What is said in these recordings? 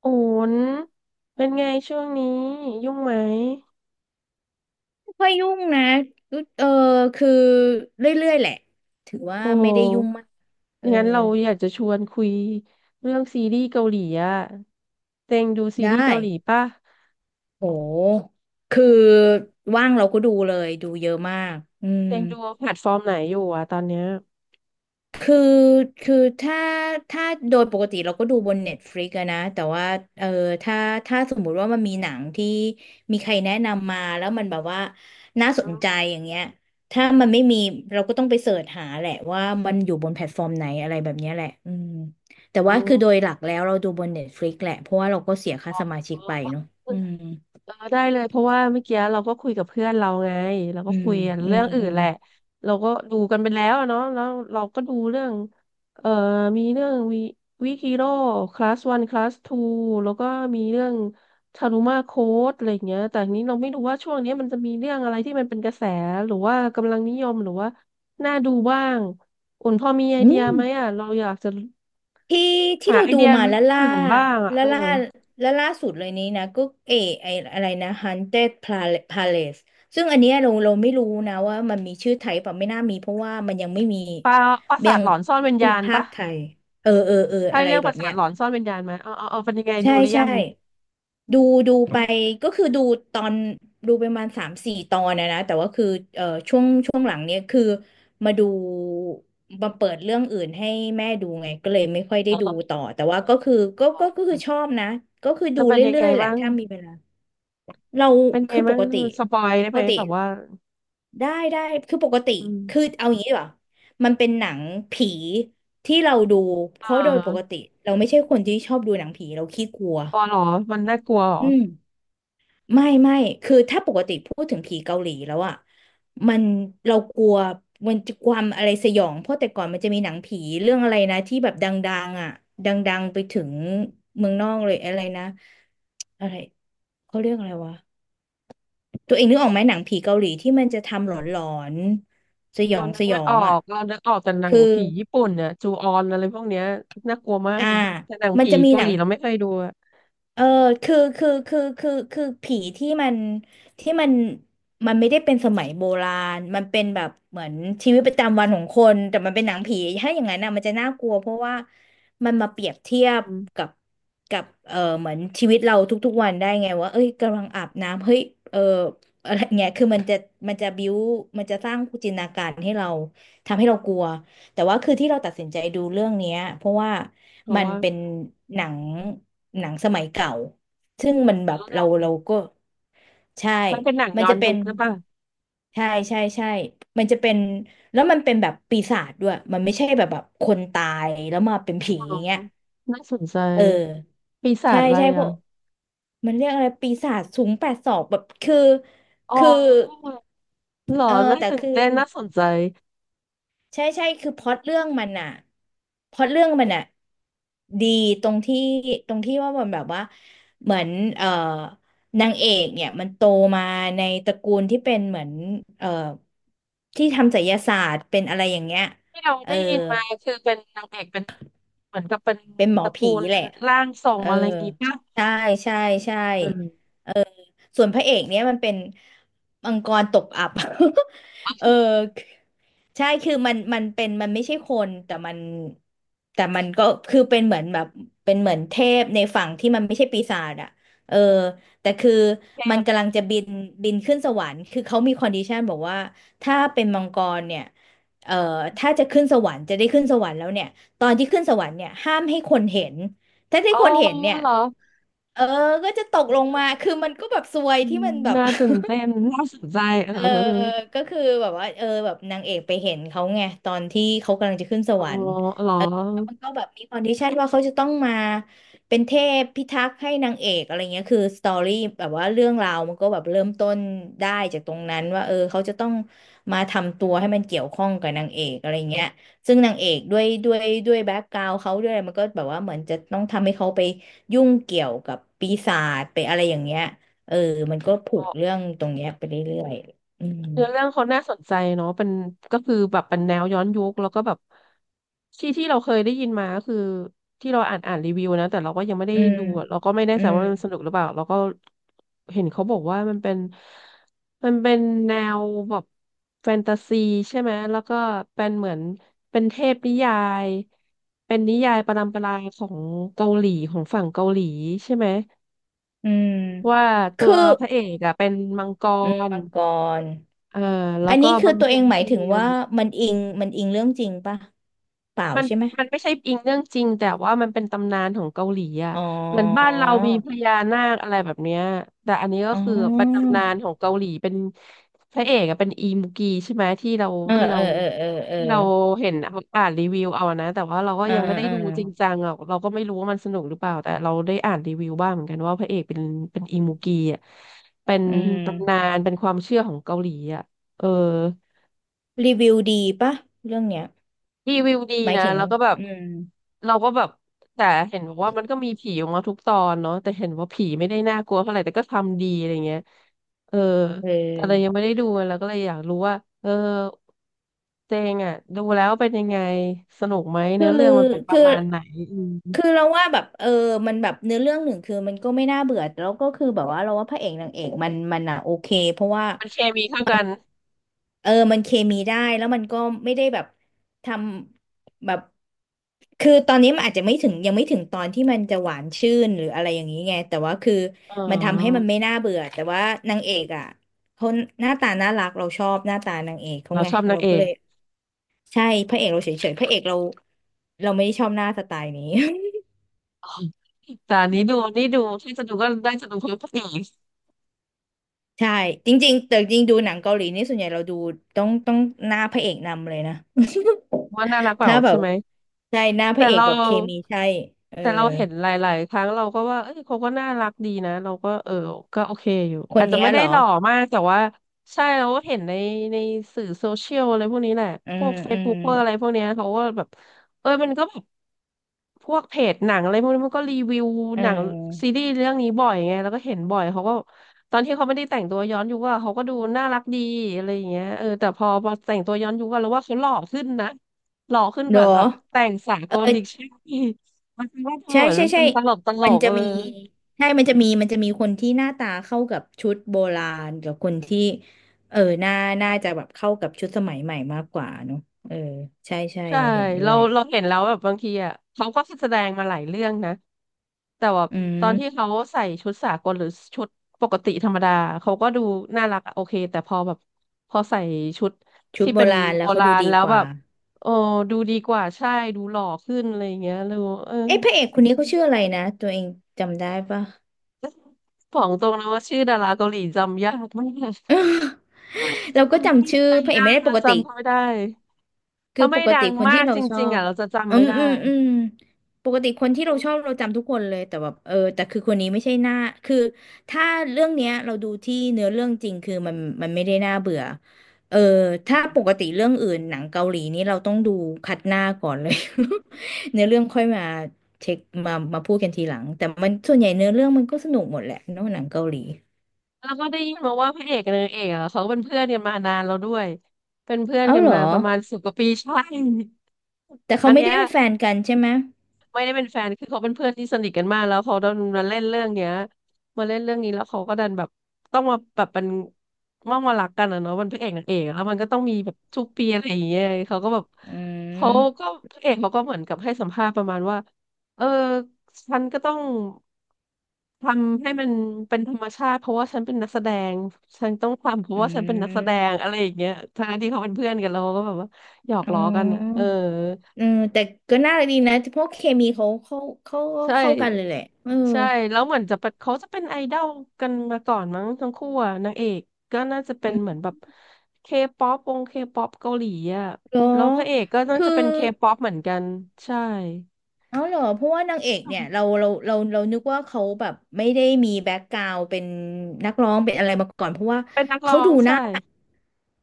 โอ้นเป็นไงช่วงนี้ยุ่งไหมค่อยยุ่งนะรู้เออคือเรื่อยๆแหละถือว่าโอ้โหไม่ได้ยุ่งมากเอองั้นเราอยากจะชวนคุยเรื่องซีรีส์เกาหลีอะเต็งดูซีได้รีส์เกาหลีป่ะโหคือว่างเราก็ดูเลยดูเยอะมากอืม เต็งดูแพลตฟอร์มไหนอยู่อะตอนเนี้ยคือคือถ้าโดยปกติเราก็ดูบน Netflix อะนะแต่ว่าเออถ้าถ้าสมมุติว่ามันมีหนังที่มีใครแนะนำมาแล้วมันแบบว่าน่าสนใจอย่างเงี้ยถ้ามันไม่มีเราก็ต้องไปเสิร์ชหาแหละว่ามันอยู่บนแพลตฟอร์มไหนอะไรแบบเนี้ยแหละอืมแต่อ๋อ ว่าคือโดยหลักแล้วเราดูบน Netflix แหละเพราะว่าเราก็เสียค่าสมาชิกไปเนาะอืมเออได้เลยเพราะว่าเมื่อกี้เราก็คุยกับเพื่อนเราไงเราก็อืมคุยกันอืเรื่อมงอื่อืนมแหละเราก็ดูกันไปแล้วอะเนาะแล้วเราก็ดูเรื่องเอ่อมีเรื่องวิคิโร่คลาสวันคลาสทูแล้วก็มีเรื่องทารุมาโค้ดอะไรอย่างเงี้ยแต่ทีนี้เราไม่รู้ว่าช่วงเนี้ยมันจะมีเรื่องอะไรที่มันเป็นกระแสหรือว่ากำลังนิยมหรือว่าน่าดูบ้างอุ่นพอมีไออืเดียม ไหมอ่ะเราอยากจะที่ที่หาเราไอดูเดียมาอื่นบ้างอ่ะแล่าเออล่าแล่าล่าสุดเลยนี้นะก็เอไออะไรนะ Haunted Palace ซึ่งอันเนี้ยเราไม่รู้นะว่ามันมีชื่อไทยเปล่ะไม่น่ามีเพราะว่ามันยังไม่มีปลาปราสายัทงหลอนซ่อนวิญไม่ญามีณภาปะ คไทยเออใช่อะไรเรื่องแบประบสานเนี้ย หลอนซ่อนวิญญาณไหมาเอาเอาเอาเป็นยังไงดูใช่หรือยัใช่งดูดูไปก็คือดูตอนดูไปประมาณสามสี่ตอนนะแต่ว่าคือช่วงหลังเนี้ยคือมาดูมาเปิดเรื่องอื่นให้แม่ดูไงก็เลยไม่ค่อยได้เอดูอต่อแต่ว่าก็คือก็เอก็อก็คือชอบนะก็คือจะดูเป็นยังเรื่ไงอยๆแหละบ้าง ถ้ามีเวลาเราเป็นไงคือปบ้างกติสปอยได้ปไหกมติแบบว่าได้ได้คือปกติอืคือมเอาอย่างนี้ดีกว่ามันเป็นหนังผีที่เราดูเพอ่ราะโดยปกาติเราไม่ใช่คนที่ชอบดูหนังผีเราขี้กลัวปอเหรอมันน่ากลัวเหรออืม ไม่ไม่คือถ้าปกติพูดถึงผีเกาหลีแล้วอ่ะมันเรากลัวมันจะความอะไรสยองเพราะแต่ก่อนมันจะมีหนังผีเรื่องอะไรนะที่แบบดังๆอ่ะดังๆไปถึงเมืองนอกเลยอะไรนะอะไรเขาเรียกอะไรวะตัวเองนึกออกไหมหนังผีเกาหลีที่มันจะทำหลอนๆสยอเรางนึสกยไม่ออองอ่ะกเรานึกออกแต่หนังคือผีญี่ปุ่นเนี่ยจูออนอะไรพวกเนี้ยน่ากลัวมาก อ่าแต่หนังมันผีจะมีเกาหหนัลีง เราไม่เคยดูอะเออคือผีที่มันที่มันมันไม่ได้เป็นสมัยโบราณมันเป็นแบบเหมือนชีวิตประจำวันของคนแต่มันเป็นหนังผีถ้าอย่างนั้นนะมันจะน่ากลัวเพราะว่ามันมาเปรียบเทียบอืกัมบกับเออเหมือนชีวิตเราทุกๆวันได้ไงว่าเอ้ยกำลังอาบน้ำเฮ้ยเอออะไรเงี้ยคือมันจะบิ้วมันจะสร้างจินตนาการให้เราทำให้เรากลัว แต่ว่าคือที่เราตัดสินใจดูเรื่องเนี้ยเพราะว่าเพราะมันว่าเป็นหนังหนังสมัยเก่าซึ่งมันแบบเราก็ใช่ มันเป็นหนังมันย้อจะนเป็ยุนคหรือเปล่าใช่ใช่ใช่มันจะเป็นแล้วมันเป็นแบบปีศาจด้วยมันไม่ใช่แบบคนตายแล้วมาเป็นผีอ๋ออย่างเงี้ยน่าสนใจเออปีศาใช่จอะไรใช่พวอ่ะกมันเรียกอะไรปีศาจสูงแปดศอกแบบคืออ๋อคือเหรอเออน่าแต่ตื่นคือ เต้นน่าสนใจ ใช่ใช่คือพล็อตเรื่องมันอะดีตรงที่ตรงที่ว่ามันแบบว่าเหมือนเอ่อนางเอกเนี่ยมันโตมาในตระกูลที่เป็นเหมือนเอ่อที่ทำไสยศาสตร์เป็นอะไรอย่างเงี้ยที่เราเออได้ยินมาคือเป็นนางเอกเป็นเหมือนกับเป็นเป็นหมตอระกูผีลแหละร่างทรเองออะไรงี้ป่ะใช่ใช่ใช่ อืมส่วนพระเอกเนี่ยมันเป็นมังกรตกอับ เออใช่คือมันเป็นมันไม่ใช่คนแต่มันก็คือเป็นเหมือนแบบเป็นเหมือนเทพในฝั่งที่มันไม่ใช่ปีศาจอะเออแต่คือเทมันพกำลังจะบินขึ้นสวรรค์คือเขามีคอนดิชันบอกว่าถ้าเป็นมังกรเนี่ยเอ่อถ้าจะขึ้นสวรรค์จะได้ขึ้นสวรรค์แล้วเนี่ยตอนที่ขึ้นสวรรค์เนี่ยห้ามให้คนเห็นถ้าได้อ๋อคนเห็นเนี่ย เหรอเออก็จะตกลงมา คือมันก็แบบซวยอืที่มมันแบบ น่าตื่นเต้น น่าสนใจเออเออเออก็คือแบบว่าเออแบบนางเอกไปเห็นเขาไงตอนที่เขากำลังจะขึ้นสเออวรรค์ อ๋อเหรอมันก็แบบมีคอนดิชันว่าเขาจะต้องมาเป็นเทพพิทักษ์ให้นางเอกอะไรเงี้ยคือสตอรี่แบบว่าเรื่องราวมันก็แบบเริ่มต้นได้จากตรงนั้นว่าเออเขาจะต้องมาทำตัวให้มันเกี่ยวข้องกับนางเอกอะไรเงี้ยซึ่งนางเอกด้วยแบ็กกราวด์เขาด้วยอะไรมันก็แบบว่าเหมือนจะต้องทำให้เขาไปยุ่งเกี่ยวกับปีศาจไปอะไรอย่างเงี้ยเออมันก็ผูอ๋กอ เรื่องตรงเนี้ยไปเรื่อยๆเนื้อเรื่องเขาน่าสนใจเนาะเป็นก็คือแบบเป็นแนวย้อนยุคแล้วก็แบบที่เราเคยได้ยินมาก็คือที่เราอ่านรีวิวนะแต่เราก็ยังไม่ได้อืมดูอะเราก็ไม่แน่อืใจมว่ามันสนุกหรือเปล่าเราก็เห็นเขาบอกว่ามันเป็นแนวแบบแฟนตาซีใช่ไหมแล้วก็เป็นเหมือนเป็นเทพนิยายเป็นนิยายประดัมปราของเกาหลีของฝั่งเกาหลีใช่ไหมอืมว่าตัคืวอพระเอกอะเป็นมังกอืมร มังกร เออแล้วอันก็นี้คือบำตัวเอเพ็งญหมายเพีถึงยรว่ามันอิงเรื่องจริงป่ะเปล่ามันใช่ไหมมันไม่ใช่อิงเรื่องจริงแต่ว่ามันเป็นตำนานของเกาหลีอ่ะอ๋อเหมือนบ้านเรามีพญานาคอะไรแบบเนี้ยแต่อันนี้ก็อ๋คือเป็นอตำนานของเกาหลีเป็นพระเอกอะเป็นอีมุกีใช่ไหมเออที่เอเราอเออเออเออที่เราเห็นเอาอ่านรีวิวเอานะแต่ว่าเราก็อ่ายังไม่ได้อ่าดูจริงจังอ่ะเราก็ไม่รู้ว่ามันสนุกหรือเปล่าแต่เราได้อ่านรีวิวบ้างเหมือนกันว่าพระเอกเป็นอีมุกีอ่ะเป็นอืตำนามนเป็นความเชื่อของเกาหลีอ่ะเออ รีวิวดีป่ะเรื่องเนี้ยรีวิวดีหมายนะถึงแล้วก็แบบอืมเราก็แบบแต่เห็นบอกว่ามันก็มีผีออกมาทุกตอนเนาะแต่เห็นว่าผีไม่ได้น่ากลัวเท่าไหร่แต่ก็ทำดีอะไรเงี้ยเออเอแต่เรายังอไม่ได้ดูแล้วก็เลยอยากรู้ว่าเออเจงอ่ะดูแล้วเป็นยังไงสนุกไหมคือเนื้อเรื่องมันเป็นประคือมาณไหนอืมคือเราว่าแบบเออมันแบบเนื้อเรื่องหนึ่งคือมันก็ไม่น่าเบื่อแล้วก็คือแบบว่าเราว่าพระเอกนางเอกมันอ่ะโอเคเพราะว่า มันเคมีเข้ากันเออมันเคมีได้แล้วมันก็ไม่ได้แบบทำแบบคือตอนนี้มันอาจจะไม่ถึงยังไม่ถึงตอนที่มันจะหวานชื่นหรืออะไรอย่างนี้ไงแต่ว่าคืออ๋มันทำให้มัอนไม่น่าเบื่อแต่ว่านางเอกอ่ะเขาหน้าตาน่ารักเราชอบหน้าตานางเอกเขาเราไงชอบนาเรางเอก็กเลยใช่พระเอกเราเฉยๆพระเอกเราเราไม่ได้ชอบหน้าสไตล์นี้ แต่อันนี้ดูนี่ดูที่จะดูก็ได้จะดูเพื่อพระเอกใช่จริงๆแต่จริงดูหนังเกาหลีนี่ส่วนใหญ่เราดูต้องหน้าพระเอกนำเลยนะ ว่าน่ารักเป ล่าถ้าแบใช่บไหม ใช่หน้าพแต่ระเอกเราแบบเคมีใช่เออแต่เราเห็นหลายๆครั้งเราก็ว่าเอ้ยเขาก็น่ารักดีนะเราก็เออก็โอเคอยู่คอานจจะเนี้ยไม่เหได้รอหล่อมากแต่ว่าใช่เราก็เห็นในสื่อโซเชียลอะไรพวกนี้แหละอืพวกมเฟอืซมบุ๊กอะไรพวกเนี้ยเขาก็แบบเออมันก็แบบพวกเพจหนังอะไรพวกนี้มันก็รีวิวเหนังซีออรีส์เรื่องนี้บ่อยไงแล้วก็เห็นบ่อยเขาก็ตอนที่เขาไม่ได้แต่งตัวย้อนยุคอะเขาก็ดูน่ารักดีอะไรอย่างเงี้ยเออแต่พอแต่งตัวย้อนยุคอะเราว่าเขาหล่อขึ้นนะ หล่อขึ้นเหรแบอบแบบแต่งสากลเอดิกอชันนีมันเป็นว่าเธอใช่เหมือนใช่ใช่มันตลมันกจะเลมียใช่มันจะมีคนที่หน้าตาเข้ากับชุดโบราณกับคนที่เออหน้าน่าจะแบบเข้ากับชุดสมัยใหม่มากกว่าเนอะเออใช่ใช่ใช่เราเห็นด้เราวยเราเห็นแล้วแบบบางทีอ่ะเขาก็แสดงมาหลายเรื่องนะแต่ว่าอืตอนที่มเขาใส่ชุดสากลหรือชุดปกติธรรมดาเขาก็ดูน่ารักอะโอเคแต่พอแบบพอใส่ชุดชุดที่โบเป็นราณแล้โบวเขาราดูณดีแล้วกแบว่า บโอ้ดูดีกว่าใช่ดูหล่อขึ้นอะไรอย่างเงี้ยดูเออ เอ้พระเอกคนนี้เขาชื่ออะไรนะตัวเองจำได้ปะ ของตรงนะว่าชื่อดาราเกาหลีจำยากมาก เราก็จำไม่จำชื่อพระเอได้กไม่ได้ปกติจำเขาไม่ได้คือถ้าปไม่กดัติงคนมาที่กเราจชอริงๆบอ่ะเราจะจำอืไม่มอืได้มอืมปกติคนที่เราชอบเราจำทุกคนเลยแต่แบบเออแต่คือคนนี้ไม่ใช่หน้าคือถ้าเรื่องเนี้ยเราดูที่เนื้อเรื่องจริงคือมันไม่ได้น่าเบื่อเอออืถ้ามปกติเรื่องอื่นหนังเกาหลีนี่เราต้องดูคัดหน้าก่อนเลย เนื้อเรื่องค่อยมาเช็คมาพูดกันทีหลังแต่มันส่วนใหญ่เนื้อเรื่องมันก็สนุกหมดแหละเนอะหนังเกาหลี แล้วก็ได้ยินมาว่าพระเอกกับนางเอกอ่ะเขาเป็นเพื่อนกันมานานแล้วด้วยเป็นเพื่อนเอากันเหรอมาประมาณ10 กว่าปีใช่แต่เขาอันไม่เนี้ได้ย เป็นแฟนกันใช่ไหมไม่ได้เป็นแฟน คือเขาเป็นเพื่อนที่สนิทกันมากแล้วเขาดันมาเล่นเรื่องเนี้ยมาเล่นเรื่องนี้แล้วเขาก็ดันแบบต้องมาแบบเป็นต้องมารักกันอะเนาะมันพระเอกนางเอกอะแล้วมันก็ต้องมีแบบทุกปีอะไรอย่างเงี้ยเขาก็แบบอืเขาก็มพระเอกเขาก็เหมือนกับให้สัมภาษณ์ประมาณว่าเออฉันก็ต้องทำให้มันเป็นธรรมชาติเพราะว่าฉันเป็นนักแสดงฉันต้องทำเพราะอืว่าฉันเป็นนักแสดงมอะไรอย่างเงี้ยทั้งที่เขาเป็นเพื่อนกันแล้วเขาก็แบบว่าหยอกอ๋ล้อกันอะเอออ เออแต่ก็น่ารักดีนะเพราะเคมีเขาเข้าใช่เข้ากันเลยแหละเออใช่แล้วเหมือนจะเป็นเขาจะเป็นไอดอลกันมาก่อนมั้งทั้งคู่อะนางเอกก็น่าจะเป็อืนเหมือนมแบบเคป๊อปวงเคป๊อปเกาหลีอะเหรอแล้วพระเอกก็น่าคือจะเป็นเคป๊อปเหมือนกันใช่เอาเหรอเพราะว่านางเอกเนี่ยเรานึกว่าเขาแบบไม่ได้มีแบ็คกราวด์เป็นนักร้องเป็นอะไรมาก่อนเพราะว่าเป็นนักร้เขาองดูหใช่น้า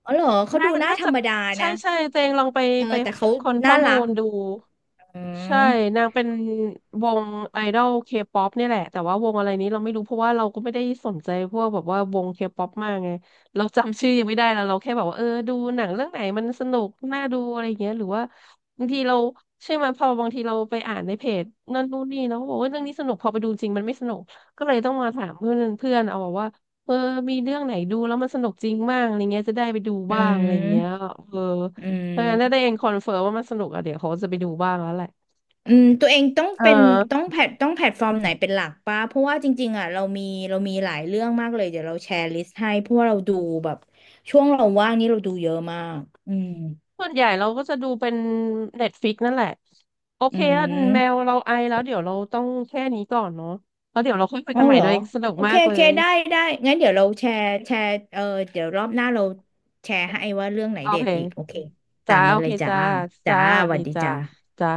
อ๋อเหรอเขาน่าดูหน้าน่าธรจะรมดาใช่นะใช่เจงลองไปเออไปแต่เขาคนข้น่าอมูรักลดู อืใช่มนางเป็นวงไอดอลเคป๊อปนี่ยแหละแต่ว่าวงอะไรนี้เราไม่รู้เพราะว่าเราก็ไม่ได้สนใจพวกแบบว่าวงเคป๊อปมากไงเราจำชื่อยังไม่ได้แล้วเราแค่แบบว่าเออดูหนังเรื่องไหนมันสนุกน่าดูอะไรอย่างเงี้ยหรือว่าบางทีเราใช่ไหมพอบางทีเราไปอ่านในเพจนั่นนู่นนี่เนาะบอกว่าเรื่องนี้สนุกพอไปดูจริงมันไม่สนุกก็เลยต้องมาถามเพื่อนเพื่อนเอาบอกว่าเออมีเรื่องไหนดูแล้วมันสนุกจริงบ้างอะไรเงี้ยจะได้ไปดูอืบ้างอะไรเงี้ยมเอออืเออถ้าม ได้เองคอนเฟิร์มว่ามันสนุกอะเดี๋ยวเขาจะไปดูบ้างแล้วแหละ อืมตัวเองต้องเอเป็นต้องอแพลตฟอร์มไหนเป็นหลักปะเพราะว่าจริงๆอ่ะเรามีเรามีหลายเรื่องมากเลยเดี๋ยวเราแชร์ลิสต์ให้เพราะว่าเราดูแบบช่วงเราว่างนี่เราดูเยอะมากอืมส่วนใหญ่เราก็จะดูเป็นเน็ตฟิกนั่นแหละโอเคอือะแมวมเราไอแล้วเดี๋ยวเราต้องแค่นี้ก่อนเนาะแล้วเดี๋ยวเราค่อยคุยอ๋อกันใหม่เหรอด้วยสนุกโอเคมากโอเลเคยได้ได้งั้นเดี๋ยวเราแชร์เออเดี๋ยวรอบหน้าเราแชร์ให้ว่าเรื่องไหนโอเด็เคดอีกโอเคตาจ้ามโอนั้นเลเคยจ้าจ้าจ้าจ้าสสวัสวัดีสดีจ้าจ้าจ้า